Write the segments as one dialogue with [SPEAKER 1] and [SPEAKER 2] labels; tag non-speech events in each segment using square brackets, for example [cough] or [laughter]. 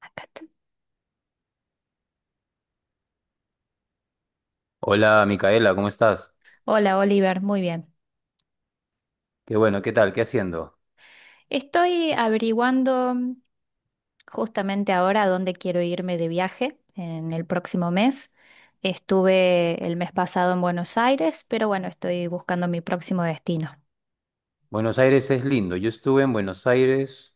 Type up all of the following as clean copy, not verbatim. [SPEAKER 1] Acá está.
[SPEAKER 2] Hola Micaela, ¿cómo estás?
[SPEAKER 1] Hola Oliver, muy bien.
[SPEAKER 2] Qué bueno, ¿qué tal? ¿Qué haciendo?
[SPEAKER 1] Estoy averiguando justamente ahora a dónde quiero irme de viaje en el próximo mes. Estuve el mes pasado en Buenos Aires, pero bueno, estoy buscando mi próximo destino.
[SPEAKER 2] Buenos Aires es lindo. Yo estuve en Buenos Aires,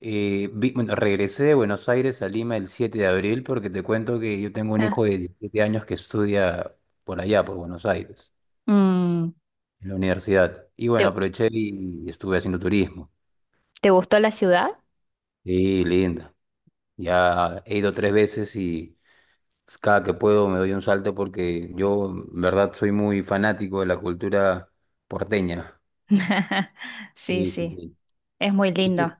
[SPEAKER 2] bueno, regresé de Buenos Aires a Lima el 7 de abril porque te cuento que yo tengo un
[SPEAKER 1] Ah,
[SPEAKER 2] hijo de 17 años que estudia por allá, por Buenos Aires,
[SPEAKER 1] mm,
[SPEAKER 2] en la universidad. Y bueno,
[SPEAKER 1] ¿te,
[SPEAKER 2] aproveché y estuve haciendo turismo.
[SPEAKER 1] te gustó la ciudad?
[SPEAKER 2] Sí, linda. Ya he ido tres veces y cada que puedo me doy un salto porque yo, en verdad, soy muy fanático de la cultura porteña.
[SPEAKER 1] [laughs] Sí,
[SPEAKER 2] Sí, sí,
[SPEAKER 1] sí,
[SPEAKER 2] sí.
[SPEAKER 1] es muy
[SPEAKER 2] ¿Y
[SPEAKER 1] lindo.
[SPEAKER 2] tú?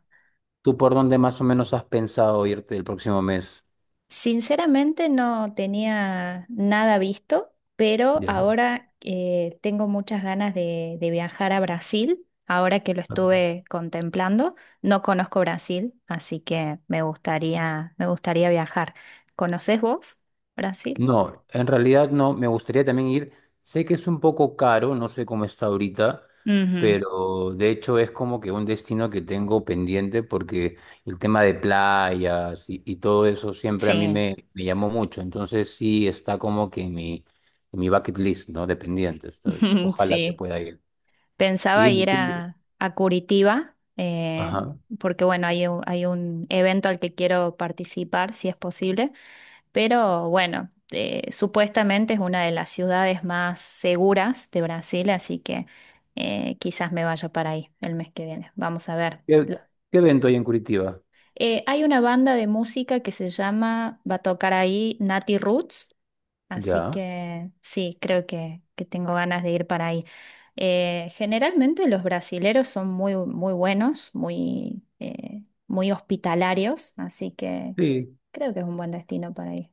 [SPEAKER 2] ¿Tú por dónde más o menos has pensado irte el próximo mes?
[SPEAKER 1] Sinceramente no tenía nada visto, pero
[SPEAKER 2] Ya.
[SPEAKER 1] ahora tengo muchas ganas de viajar a Brasil, ahora que lo estuve contemplando. No conozco Brasil, así que me gustaría viajar. ¿Conoces vos Brasil?
[SPEAKER 2] No, en realidad no, me gustaría también ir. Sé que es un poco caro, no sé cómo está ahorita,
[SPEAKER 1] Ujú.
[SPEAKER 2] pero de hecho es como que un destino que tengo pendiente porque el tema de playas y todo eso siempre a mí
[SPEAKER 1] Sí,
[SPEAKER 2] me llamó mucho. Entonces sí está como que en mi, bucket list, ¿no? De pendientes. Entonces,
[SPEAKER 1] [laughs]
[SPEAKER 2] ojalá que
[SPEAKER 1] sí.
[SPEAKER 2] pueda ir. Y
[SPEAKER 1] Pensaba
[SPEAKER 2] dime
[SPEAKER 1] ir
[SPEAKER 2] tú,
[SPEAKER 1] a Curitiba,
[SPEAKER 2] ajá.
[SPEAKER 1] porque bueno, hay un evento al que quiero participar, si es posible. Pero bueno, supuestamente es una de las ciudades más seguras de Brasil, así que quizás me vaya para ahí el mes que viene. Vamos a ver.
[SPEAKER 2] ¿Qué, qué evento hay en Curitiba?
[SPEAKER 1] Hay una banda de música que se llama, va a tocar ahí Nati Roots, así
[SPEAKER 2] Ya.
[SPEAKER 1] que sí, creo que tengo ganas de ir para ahí. Generalmente los brasileros son muy, muy buenos, muy, muy hospitalarios, así que
[SPEAKER 2] Sí.
[SPEAKER 1] creo que es un buen destino para ir.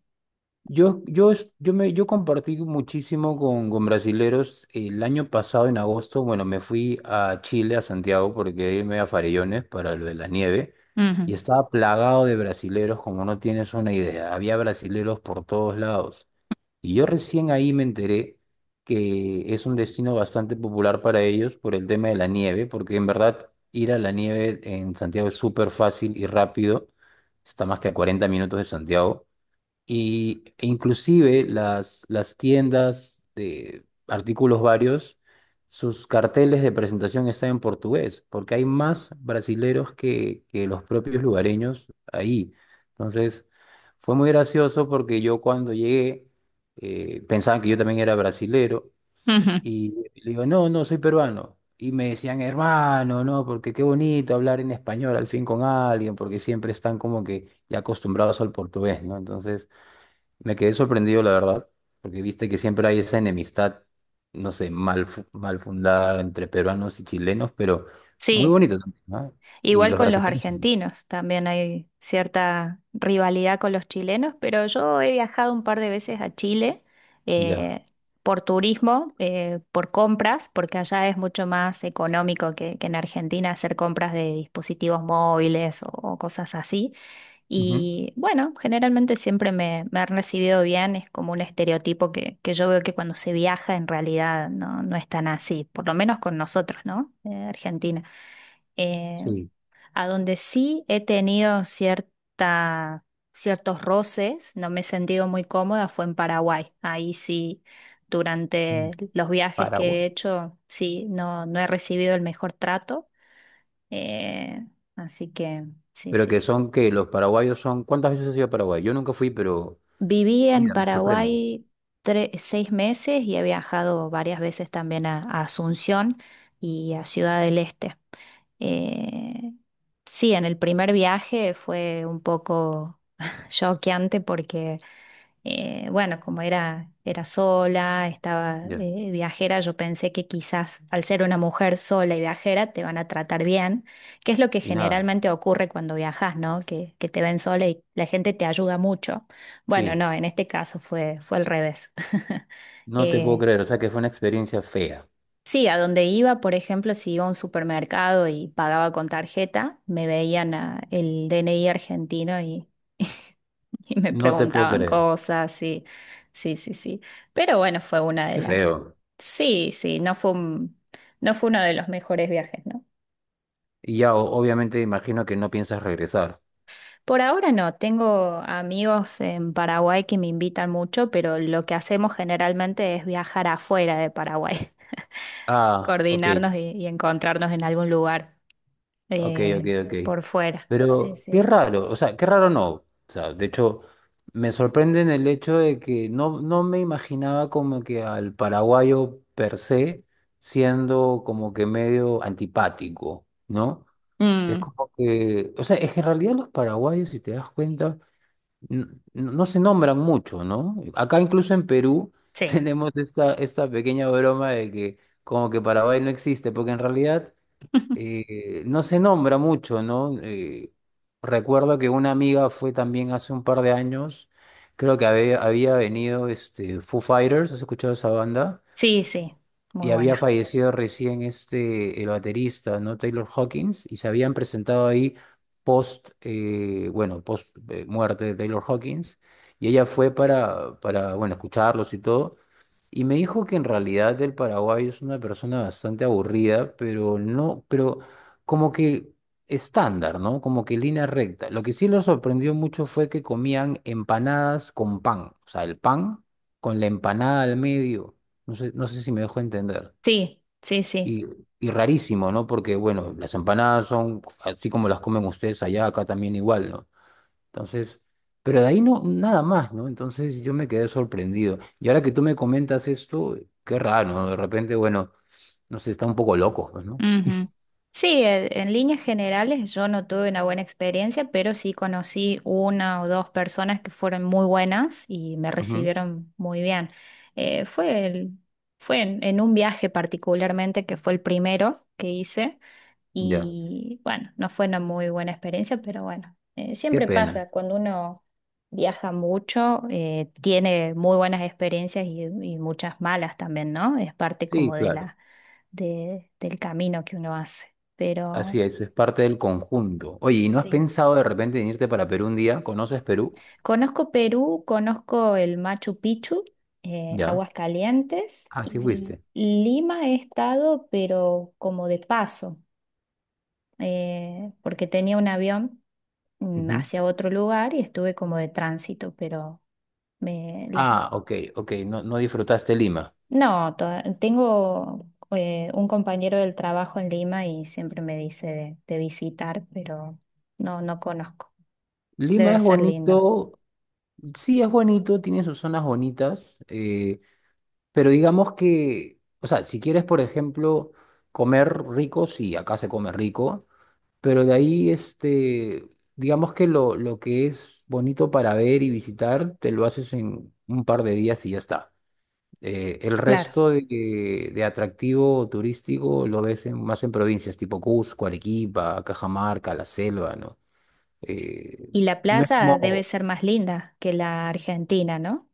[SPEAKER 2] Yo, es- yo, me, yo compartí muchísimo con brasileros el año pasado, en agosto. Bueno, me fui a Chile, a Santiago, porque quería irme a Farellones para lo de la nieve.
[SPEAKER 1] Ujú,
[SPEAKER 2] Y estaba plagado de brasileros, como no tienes una idea. Había brasileros por todos lados. Y yo recién ahí me enteré que es un destino bastante popular para ellos por el tema de la nieve, porque en verdad ir a la nieve en Santiago es súper fácil y rápido. Está más que a 40 minutos de Santiago. Y, e inclusive las tiendas de artículos varios, sus carteles de presentación están en portugués, porque hay más brasileros que los propios lugareños ahí. Entonces, fue muy gracioso porque yo cuando llegué, pensaban que yo también era brasilero,
[SPEAKER 1] ujú.
[SPEAKER 2] y le digo, no, no, soy peruano. Y me decían, hermano, no, porque qué bonito hablar en español al fin con alguien, porque siempre están como que ya acostumbrados al portugués, ¿no? Entonces. Me quedé sorprendido, la verdad, porque viste que siempre hay esa enemistad, no sé, mal fundada entre peruanos y chilenos, pero muy
[SPEAKER 1] Sí,
[SPEAKER 2] bonito también, ¿no? Y
[SPEAKER 1] igual
[SPEAKER 2] los
[SPEAKER 1] con los
[SPEAKER 2] brasileños, también,
[SPEAKER 1] argentinos, también hay cierta rivalidad con los chilenos, pero yo he viajado un par de veces a Chile,
[SPEAKER 2] ya.
[SPEAKER 1] eh, por turismo, por compras, porque allá es mucho más económico que en Argentina hacer compras de dispositivos móviles o cosas así.
[SPEAKER 2] Ujú.
[SPEAKER 1] Y bueno, generalmente siempre me han recibido bien, es como un estereotipo que yo veo que cuando se viaja en realidad no, no es tan así, por lo menos con nosotros, ¿no? Argentina. Eh,
[SPEAKER 2] Sí,
[SPEAKER 1] a donde sí he tenido ciertos roces, no me he sentido muy cómoda, fue en Paraguay. Ahí sí, durante
[SPEAKER 2] en
[SPEAKER 1] los viajes
[SPEAKER 2] Paraguay.
[SPEAKER 1] que he hecho, sí, no, no he recibido el mejor trato. Eh, así que sí,
[SPEAKER 2] Pero
[SPEAKER 1] sí.
[SPEAKER 2] que son que los paraguayos son, ¿cuántas veces has ido a Paraguay? Yo nunca fui, pero
[SPEAKER 1] Viví en
[SPEAKER 2] mira, me sorprenden.
[SPEAKER 1] Paraguay seis meses y he viajado varias veces también a Asunción y a Ciudad del Este. Eh, sí, en el primer viaje fue un poco [laughs] choqueante porque bueno, como era, era sola, estaba
[SPEAKER 2] Ya.
[SPEAKER 1] viajera, yo pensé que quizás al ser una mujer sola y viajera te van a tratar bien, que es lo que
[SPEAKER 2] Y nada,
[SPEAKER 1] generalmente ocurre cuando viajas, ¿no? Que te ven sola y la gente te ayuda mucho. Bueno,
[SPEAKER 2] sí,
[SPEAKER 1] no, en este caso fue, fue al revés. [laughs]
[SPEAKER 2] no te puedo
[SPEAKER 1] Eh,
[SPEAKER 2] creer, o sea que fue una experiencia fea.
[SPEAKER 1] sí, a donde iba, por ejemplo, si iba a un supermercado y pagaba con tarjeta, el DNI argentino [laughs] y me
[SPEAKER 2] No te puedo
[SPEAKER 1] preguntaban
[SPEAKER 2] creer.
[SPEAKER 1] cosas, y sí, sí, sí. Pero bueno, fue una de
[SPEAKER 2] Qué
[SPEAKER 1] las...
[SPEAKER 2] feo.
[SPEAKER 1] Sí, sí, no fue uno de los mejores viajes, ¿no?
[SPEAKER 2] Y ya, obviamente, imagino que no piensas regresar.
[SPEAKER 1] Por ahora no, tengo amigos en Paraguay que me invitan mucho, pero lo que hacemos generalmente es viajar afuera de Paraguay, [laughs]
[SPEAKER 2] Ah, ok.
[SPEAKER 1] coordinarnos y encontrarnos en algún lugar
[SPEAKER 2] Ok, ok,
[SPEAKER 1] eh,
[SPEAKER 2] ok.
[SPEAKER 1] por fuera. Sí,
[SPEAKER 2] Pero
[SPEAKER 1] sí.
[SPEAKER 2] qué raro, o sea, qué raro no. O sea, de hecho, me sorprende en el hecho de que no me imaginaba como que al paraguayo per se siendo como que medio antipático, ¿no? Es
[SPEAKER 1] Mm,
[SPEAKER 2] como que, o sea, es que en realidad los paraguayos, si te das cuenta, n- no se nombran mucho, ¿no? Acá incluso en Perú [laughs]
[SPEAKER 1] sí,
[SPEAKER 2] tenemos esta pequeña broma de que como que Paraguay no existe, porque en realidad no se nombra mucho, ¿no? Recuerdo que una amiga fue también hace un par de años, creo que había venido Foo Fighters, ¿has escuchado esa banda?
[SPEAKER 1] sí, sí, muy
[SPEAKER 2] Y había
[SPEAKER 1] buena.
[SPEAKER 2] fallecido recién el baterista, ¿no? Taylor Hawkins, y se habían presentado ahí post, bueno, post muerte de Taylor Hawkins, y ella fue para, bueno, escucharlos y todo. Y me dijo que en realidad el paraguayo es una persona bastante aburrida, pero no, pero como que estándar, ¿no? Como que línea recta. Lo que sí lo sorprendió mucho fue que comían empanadas con pan, o sea, el pan con la empanada al medio. No sé si me dejo entender.
[SPEAKER 1] Sí, sí, sí.
[SPEAKER 2] Y, y rarísimo, ¿no? Porque, bueno, las empanadas son así como las comen ustedes allá, acá también igual, ¿no? Entonces, pero de ahí no, nada más, ¿no? Entonces yo me quedé sorprendido. Y ahora que tú me comentas esto, qué raro, ¿no? De repente, bueno, no sé, está un poco loco, pues, ¿no?
[SPEAKER 1] Ujú. Sí, en líneas generales yo no tuve una buena experiencia, pero sí conocí una o dos personas que fueron muy buenas y me
[SPEAKER 2] Ujú.
[SPEAKER 1] recibieron muy bien. Eh, fue el- fue en un viaje particularmente que fue el primero que hice
[SPEAKER 2] Ya,
[SPEAKER 1] y bueno, no fue una muy buena experiencia, pero bueno,
[SPEAKER 2] qué
[SPEAKER 1] siempre
[SPEAKER 2] pena.
[SPEAKER 1] pasa cuando uno viaja mucho, tiene muy buenas experiencias y muchas malas también, ¿no? Es parte
[SPEAKER 2] Sí,
[SPEAKER 1] como de
[SPEAKER 2] claro.
[SPEAKER 1] del camino que uno hace.
[SPEAKER 2] Así
[SPEAKER 1] Pero
[SPEAKER 2] es parte del conjunto. Oye, ¿y no has
[SPEAKER 1] sí,
[SPEAKER 2] pensado de repente en irte para Perú un día? ¿Conoces Perú?
[SPEAKER 1] conozco Perú, conozco el Machu Picchu,
[SPEAKER 2] Ya.
[SPEAKER 1] Aguascalientes
[SPEAKER 2] Ah, sí
[SPEAKER 1] y
[SPEAKER 2] fuiste.
[SPEAKER 1] Lima he estado, pero como de paso, porque tenía un avión
[SPEAKER 2] Ujú.
[SPEAKER 1] hacia otro lugar y estuve como de tránsito, pero... Me, las,
[SPEAKER 2] Ah, ok, ok, no, no disfrutaste Lima.
[SPEAKER 1] No, tengo un compañero del trabajo en Lima y siempre me dice de visitar, pero no, no conozco.
[SPEAKER 2] Lima
[SPEAKER 1] Debe
[SPEAKER 2] es
[SPEAKER 1] ser lindo,
[SPEAKER 2] bonito, sí es bonito, tiene sus zonas bonitas. Pero digamos que, o sea, si quieres, por ejemplo, comer rico, sí, acá se come rico, pero de ahí, digamos que lo, que es bonito para ver y visitar, te lo haces en un par de días y ya está. El
[SPEAKER 1] claro.
[SPEAKER 2] resto de, atractivo turístico lo ves más en provincias tipo Cusco, Arequipa, Cajamarca, la selva, ¿no? Eh,
[SPEAKER 1] Y la
[SPEAKER 2] no es
[SPEAKER 1] playa debe
[SPEAKER 2] como,
[SPEAKER 1] ser más linda que la Argentina, ¿no?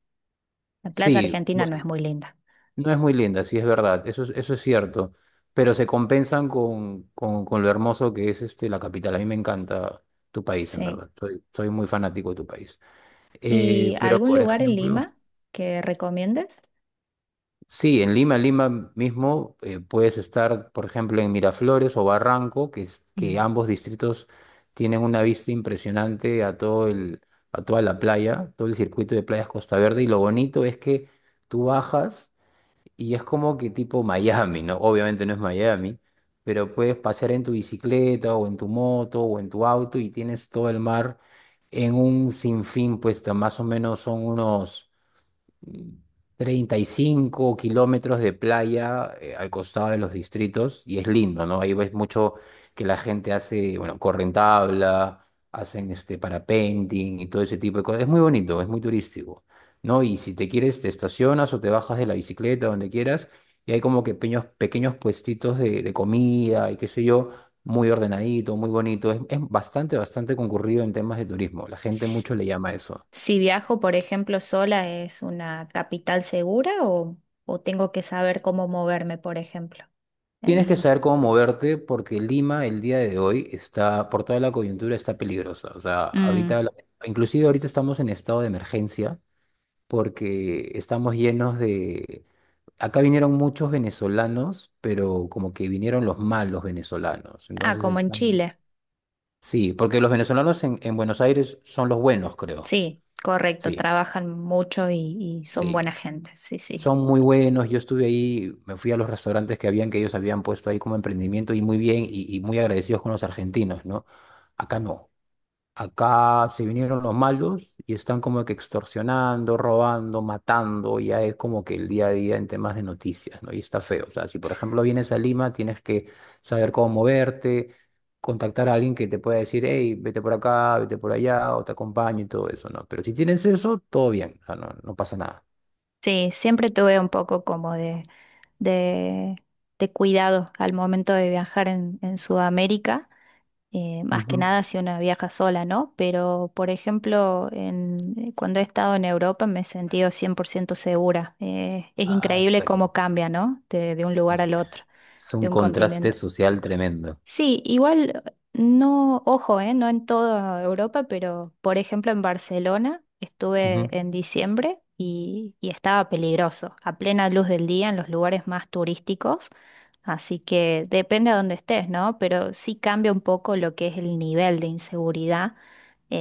[SPEAKER 1] La playa
[SPEAKER 2] sí.
[SPEAKER 1] argentina no es muy linda.
[SPEAKER 2] No es muy linda, sí es verdad, eso es cierto, pero se compensan con, lo hermoso que es la capital. A mí me encanta tu país, en
[SPEAKER 1] Sí.
[SPEAKER 2] verdad, soy muy fanático de tu país.
[SPEAKER 1] ¿Y
[SPEAKER 2] Pero,
[SPEAKER 1] algún
[SPEAKER 2] por
[SPEAKER 1] lugar en
[SPEAKER 2] ejemplo,
[SPEAKER 1] Lima que recomiendes?
[SPEAKER 2] sí, en Lima, Lima mismo, puedes estar, por ejemplo, en Miraflores o Barranco, que
[SPEAKER 1] Mm.
[SPEAKER 2] ambos distritos tienen una vista impresionante a a toda la playa, todo el circuito de playas Costa Verde, y lo bonito es que tú bajas. Y es como que tipo Miami, ¿no? Obviamente no es Miami, pero puedes pasear en tu bicicleta o en tu moto o en tu auto y tienes todo el mar en un sinfín, pues más o menos son unos 35 kilómetros de playa al costado de los distritos y es lindo, ¿no? Ahí ves mucho que la gente hace, bueno, corren tabla, hacen este parapenting y todo ese tipo de cosas. Es muy bonito, es muy turístico, ¿no? Y si te quieres, te estacionas o te bajas de la bicicleta, donde quieras, y hay como que pequeños, pequeños puestitos de, comida y qué sé yo, muy ordenadito, muy bonito. Es bastante, bastante concurrido en temas de turismo. La gente
[SPEAKER 1] S-
[SPEAKER 2] mucho le llama eso.
[SPEAKER 1] Si viajo, por ejemplo, sola, ¿es una capital segura o tengo que saber cómo moverme, por ejemplo, en
[SPEAKER 2] Tienes que
[SPEAKER 1] Lima?
[SPEAKER 2] saber cómo moverte porque Lima el día de hoy está, por toda la coyuntura, está peligrosa. O sea, ahorita,
[SPEAKER 1] Mm.
[SPEAKER 2] inclusive ahorita estamos en estado de emergencia porque estamos llenos de. Acá vinieron muchos venezolanos, pero como que vinieron los malos venezolanos.
[SPEAKER 1] Ah,
[SPEAKER 2] Entonces
[SPEAKER 1] como en
[SPEAKER 2] están.
[SPEAKER 1] Chile.
[SPEAKER 2] Sí, porque los venezolanos en, Buenos Aires son los buenos, creo.
[SPEAKER 1] Sí, correcto.
[SPEAKER 2] Sí,
[SPEAKER 1] Trabajan mucho y son
[SPEAKER 2] sí.
[SPEAKER 1] buena gente. Sí, sí.
[SPEAKER 2] Son muy buenos, yo estuve ahí, me fui a los restaurantes que ellos habían puesto ahí como emprendimiento y muy bien y muy agradecidos con los argentinos, ¿no? Acá no, acá se vinieron los malos y están como que extorsionando, robando, matando, ya es como que el día a día en temas de noticias, ¿no? Y está feo, o sea, si por ejemplo vienes a Lima, tienes que saber cómo moverte, contactar a alguien que te pueda decir, hey, vete por acá, vete por allá, o te acompaño y todo eso, ¿no? Pero si tienes eso, todo bien, o sea, no, no pasa nada.
[SPEAKER 1] Sí, siempre tuve un poco como de, de cuidado al momento de viajar en Sudamérica. Eh, más que nada si una viaja sola, ¿no? Pero, por ejemplo, cuando he estado en Europa me he sentido 100% segura. Es
[SPEAKER 2] Ah, eso
[SPEAKER 1] increíble
[SPEAKER 2] está
[SPEAKER 1] cómo cambia, ¿no? De un lugar al otro,
[SPEAKER 2] es
[SPEAKER 1] de
[SPEAKER 2] un
[SPEAKER 1] un
[SPEAKER 2] contraste
[SPEAKER 1] continente.
[SPEAKER 2] social tremendo.
[SPEAKER 1] Sí, igual no, ojo, no en toda Europa, pero por ejemplo en Barcelona estuve
[SPEAKER 2] Ujú.
[SPEAKER 1] en diciembre y estaba peligroso, a plena luz del día en los lugares más turísticos, así que depende a dónde estés, ¿no? Pero sí cambia un poco lo que es el nivel de inseguridad,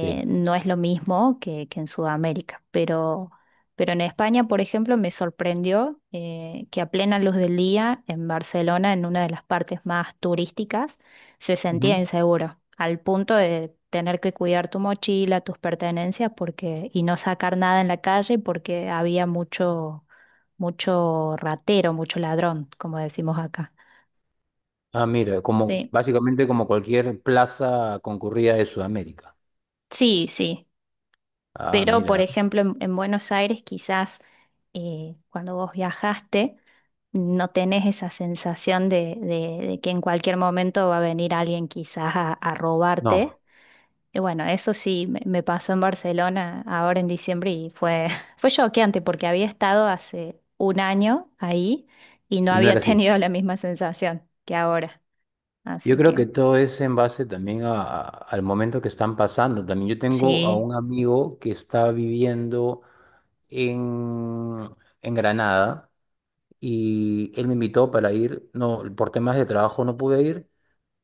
[SPEAKER 2] Sí.
[SPEAKER 1] no es lo mismo que en Sudamérica, pero en España, por ejemplo, me sorprendió que a plena luz del día, en Barcelona, en una de las partes más turísticas, se sentía
[SPEAKER 2] Ujú.
[SPEAKER 1] inseguro, al punto de tener que cuidar tu mochila, tus pertenencias, porque, y no sacar nada en la calle porque había mucho, mucho ratero, mucho ladrón, como decimos acá.
[SPEAKER 2] Ah, mira, como
[SPEAKER 1] Sí,
[SPEAKER 2] básicamente como cualquier plaza concurrida de Sudamérica.
[SPEAKER 1] sí, sí.
[SPEAKER 2] Ah,
[SPEAKER 1] Pero, por
[SPEAKER 2] mira.
[SPEAKER 1] ejemplo, en Buenos Aires quizás cuando vos viajaste no tenés esa sensación de, de que en cualquier momento va a venir alguien quizás a robarte.
[SPEAKER 2] No,
[SPEAKER 1] Y bueno, eso sí me pasó en Barcelona ahora en diciembre y fue, [laughs] fue choqueante porque había estado hace un año ahí y no
[SPEAKER 2] no era
[SPEAKER 1] había [laughs]
[SPEAKER 2] así.
[SPEAKER 1] tenido la misma sensación que ahora.
[SPEAKER 2] Yo
[SPEAKER 1] Así
[SPEAKER 2] creo que
[SPEAKER 1] que
[SPEAKER 2] todo es en base también al momento que están pasando. También yo tengo a
[SPEAKER 1] sí.
[SPEAKER 2] un amigo que está viviendo en, Granada y él me invitó para ir. No, por temas de trabajo no pude ir,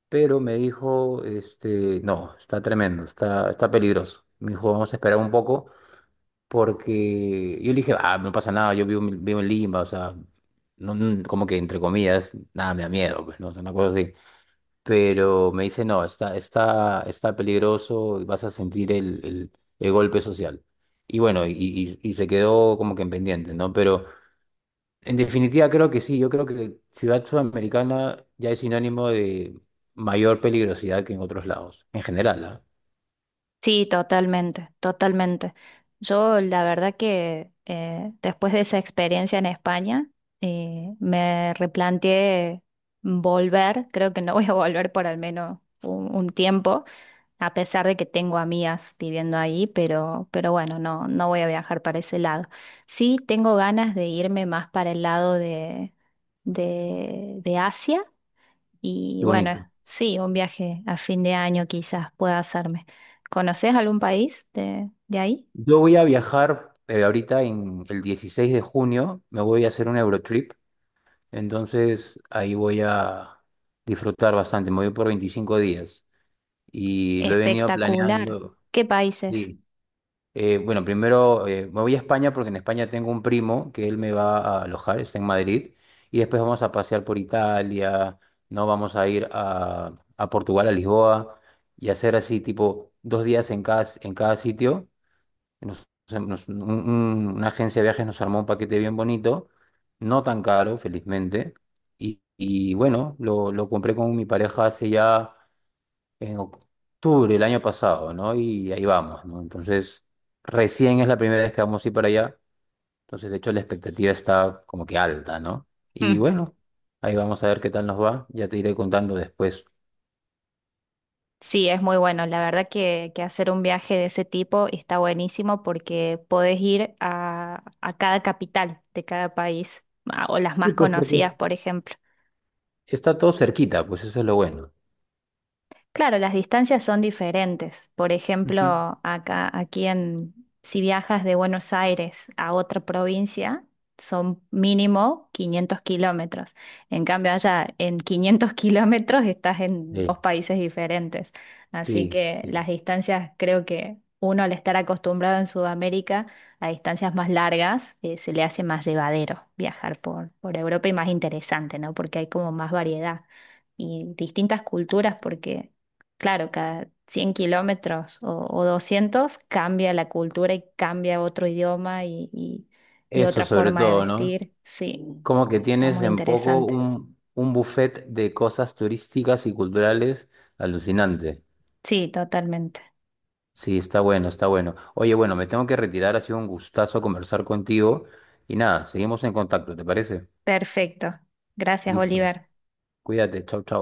[SPEAKER 2] pero me dijo, no, está tremendo, está peligroso. Me dijo, vamos a esperar un poco, porque yo le dije, ah, no pasa nada, yo vivo, vivo en Lima, o sea, no, no, como que entre comillas, nada, me da miedo, pues, no, o sea, una cosa así. Pero me dice, no, está peligroso, y vas a sentir el golpe social. Y bueno, y se quedó como que en pendiente, ¿no? Pero. En definitiva, creo que sí. Yo creo que Ciudad Sudamericana ya es sinónimo de mayor peligrosidad que en otros lados, en general, ¿ah?
[SPEAKER 1] Sí, totalmente, totalmente. Yo la verdad que después de esa experiencia en España, me replanteé volver, creo que no voy a volver por al menos un tiempo, a pesar de que tengo amigas viviendo ahí, pero bueno, no, no voy a viajar para ese lado. Sí, tengo ganas de irme más para el lado de, de Asia y
[SPEAKER 2] Qué
[SPEAKER 1] bueno,
[SPEAKER 2] bonito.
[SPEAKER 1] sí, un viaje a fin de año quizás pueda hacerme. ¿Conoces algún país de ahí?
[SPEAKER 2] Yo voy a viajar ahorita en el 16 de junio, me voy a hacer un Eurotrip, entonces ahí voy a disfrutar bastante. Me voy por 25 días y lo he venido
[SPEAKER 1] Espectacular.
[SPEAKER 2] planeando.
[SPEAKER 1] ¿Qué países?
[SPEAKER 2] Sí. Bueno, primero me voy a España porque en España tengo un primo que él me va a alojar, está en Madrid, y después vamos a pasear por Italia, no vamos a ir a, Portugal, a Lisboa, y hacer así tipo 2 días en cada, sitio. Una agencia de viajes nos armó un paquete bien bonito, no tan caro, felizmente, y bueno, lo, compré con mi pareja hace ya en octubre el año pasado, ¿no? Y ahí vamos, ¿no? Entonces, recién es la primera vez que vamos a ir para allá. Entonces, de hecho, la expectativa está como que alta, ¿no? Y
[SPEAKER 1] Mm,
[SPEAKER 2] bueno, ahí vamos a ver qué tal nos va. Ya te iré contando después.
[SPEAKER 1] sí, es muy bueno. La verdad que hacer un viaje de ese tipo está buenísimo porque podés ir a cada capital de cada país, o las
[SPEAKER 2] Y
[SPEAKER 1] más
[SPEAKER 2] pues porque
[SPEAKER 1] conocidas, por ejemplo.
[SPEAKER 2] está todo cerquita, pues eso es lo bueno.
[SPEAKER 1] Claro, las distancias son diferentes. Por
[SPEAKER 2] Ujú.
[SPEAKER 1] ejemplo, acá, aquí en, si viajas de Buenos Aires a otra provincia, son mínimo 500 kilómetros. En cambio, allá en 500 [laughs] kilómetros estás en dos
[SPEAKER 2] Sí,
[SPEAKER 1] países diferentes. Así
[SPEAKER 2] sí,
[SPEAKER 1] que
[SPEAKER 2] sí.
[SPEAKER 1] las distancias, creo que uno al estar acostumbrado en Sudamérica a distancias más largas, se le hace más llevadero viajar por Europa y más interesante, ¿no? Porque hay como más variedad y distintas culturas porque claro, cada 100 kilómetros o 200 cambia la cultura y cambia otro idioma y
[SPEAKER 2] Eso
[SPEAKER 1] otra
[SPEAKER 2] sobre
[SPEAKER 1] forma de
[SPEAKER 2] todo, ¿no?
[SPEAKER 1] vestir. Sí,
[SPEAKER 2] Como que
[SPEAKER 1] está
[SPEAKER 2] tienes
[SPEAKER 1] muy
[SPEAKER 2] en poco
[SPEAKER 1] interesante.
[SPEAKER 2] un, buffet de cosas turísticas y culturales alucinante.
[SPEAKER 1] Sí, totalmente.
[SPEAKER 2] Sí, está bueno, está bueno. Oye, bueno, me tengo que retirar, ha sido un gustazo conversar contigo y nada, seguimos en contacto, ¿te parece?
[SPEAKER 1] Perfecto. Gracias,
[SPEAKER 2] Listo.
[SPEAKER 1] Oliver.
[SPEAKER 2] Cuídate, chau, chau.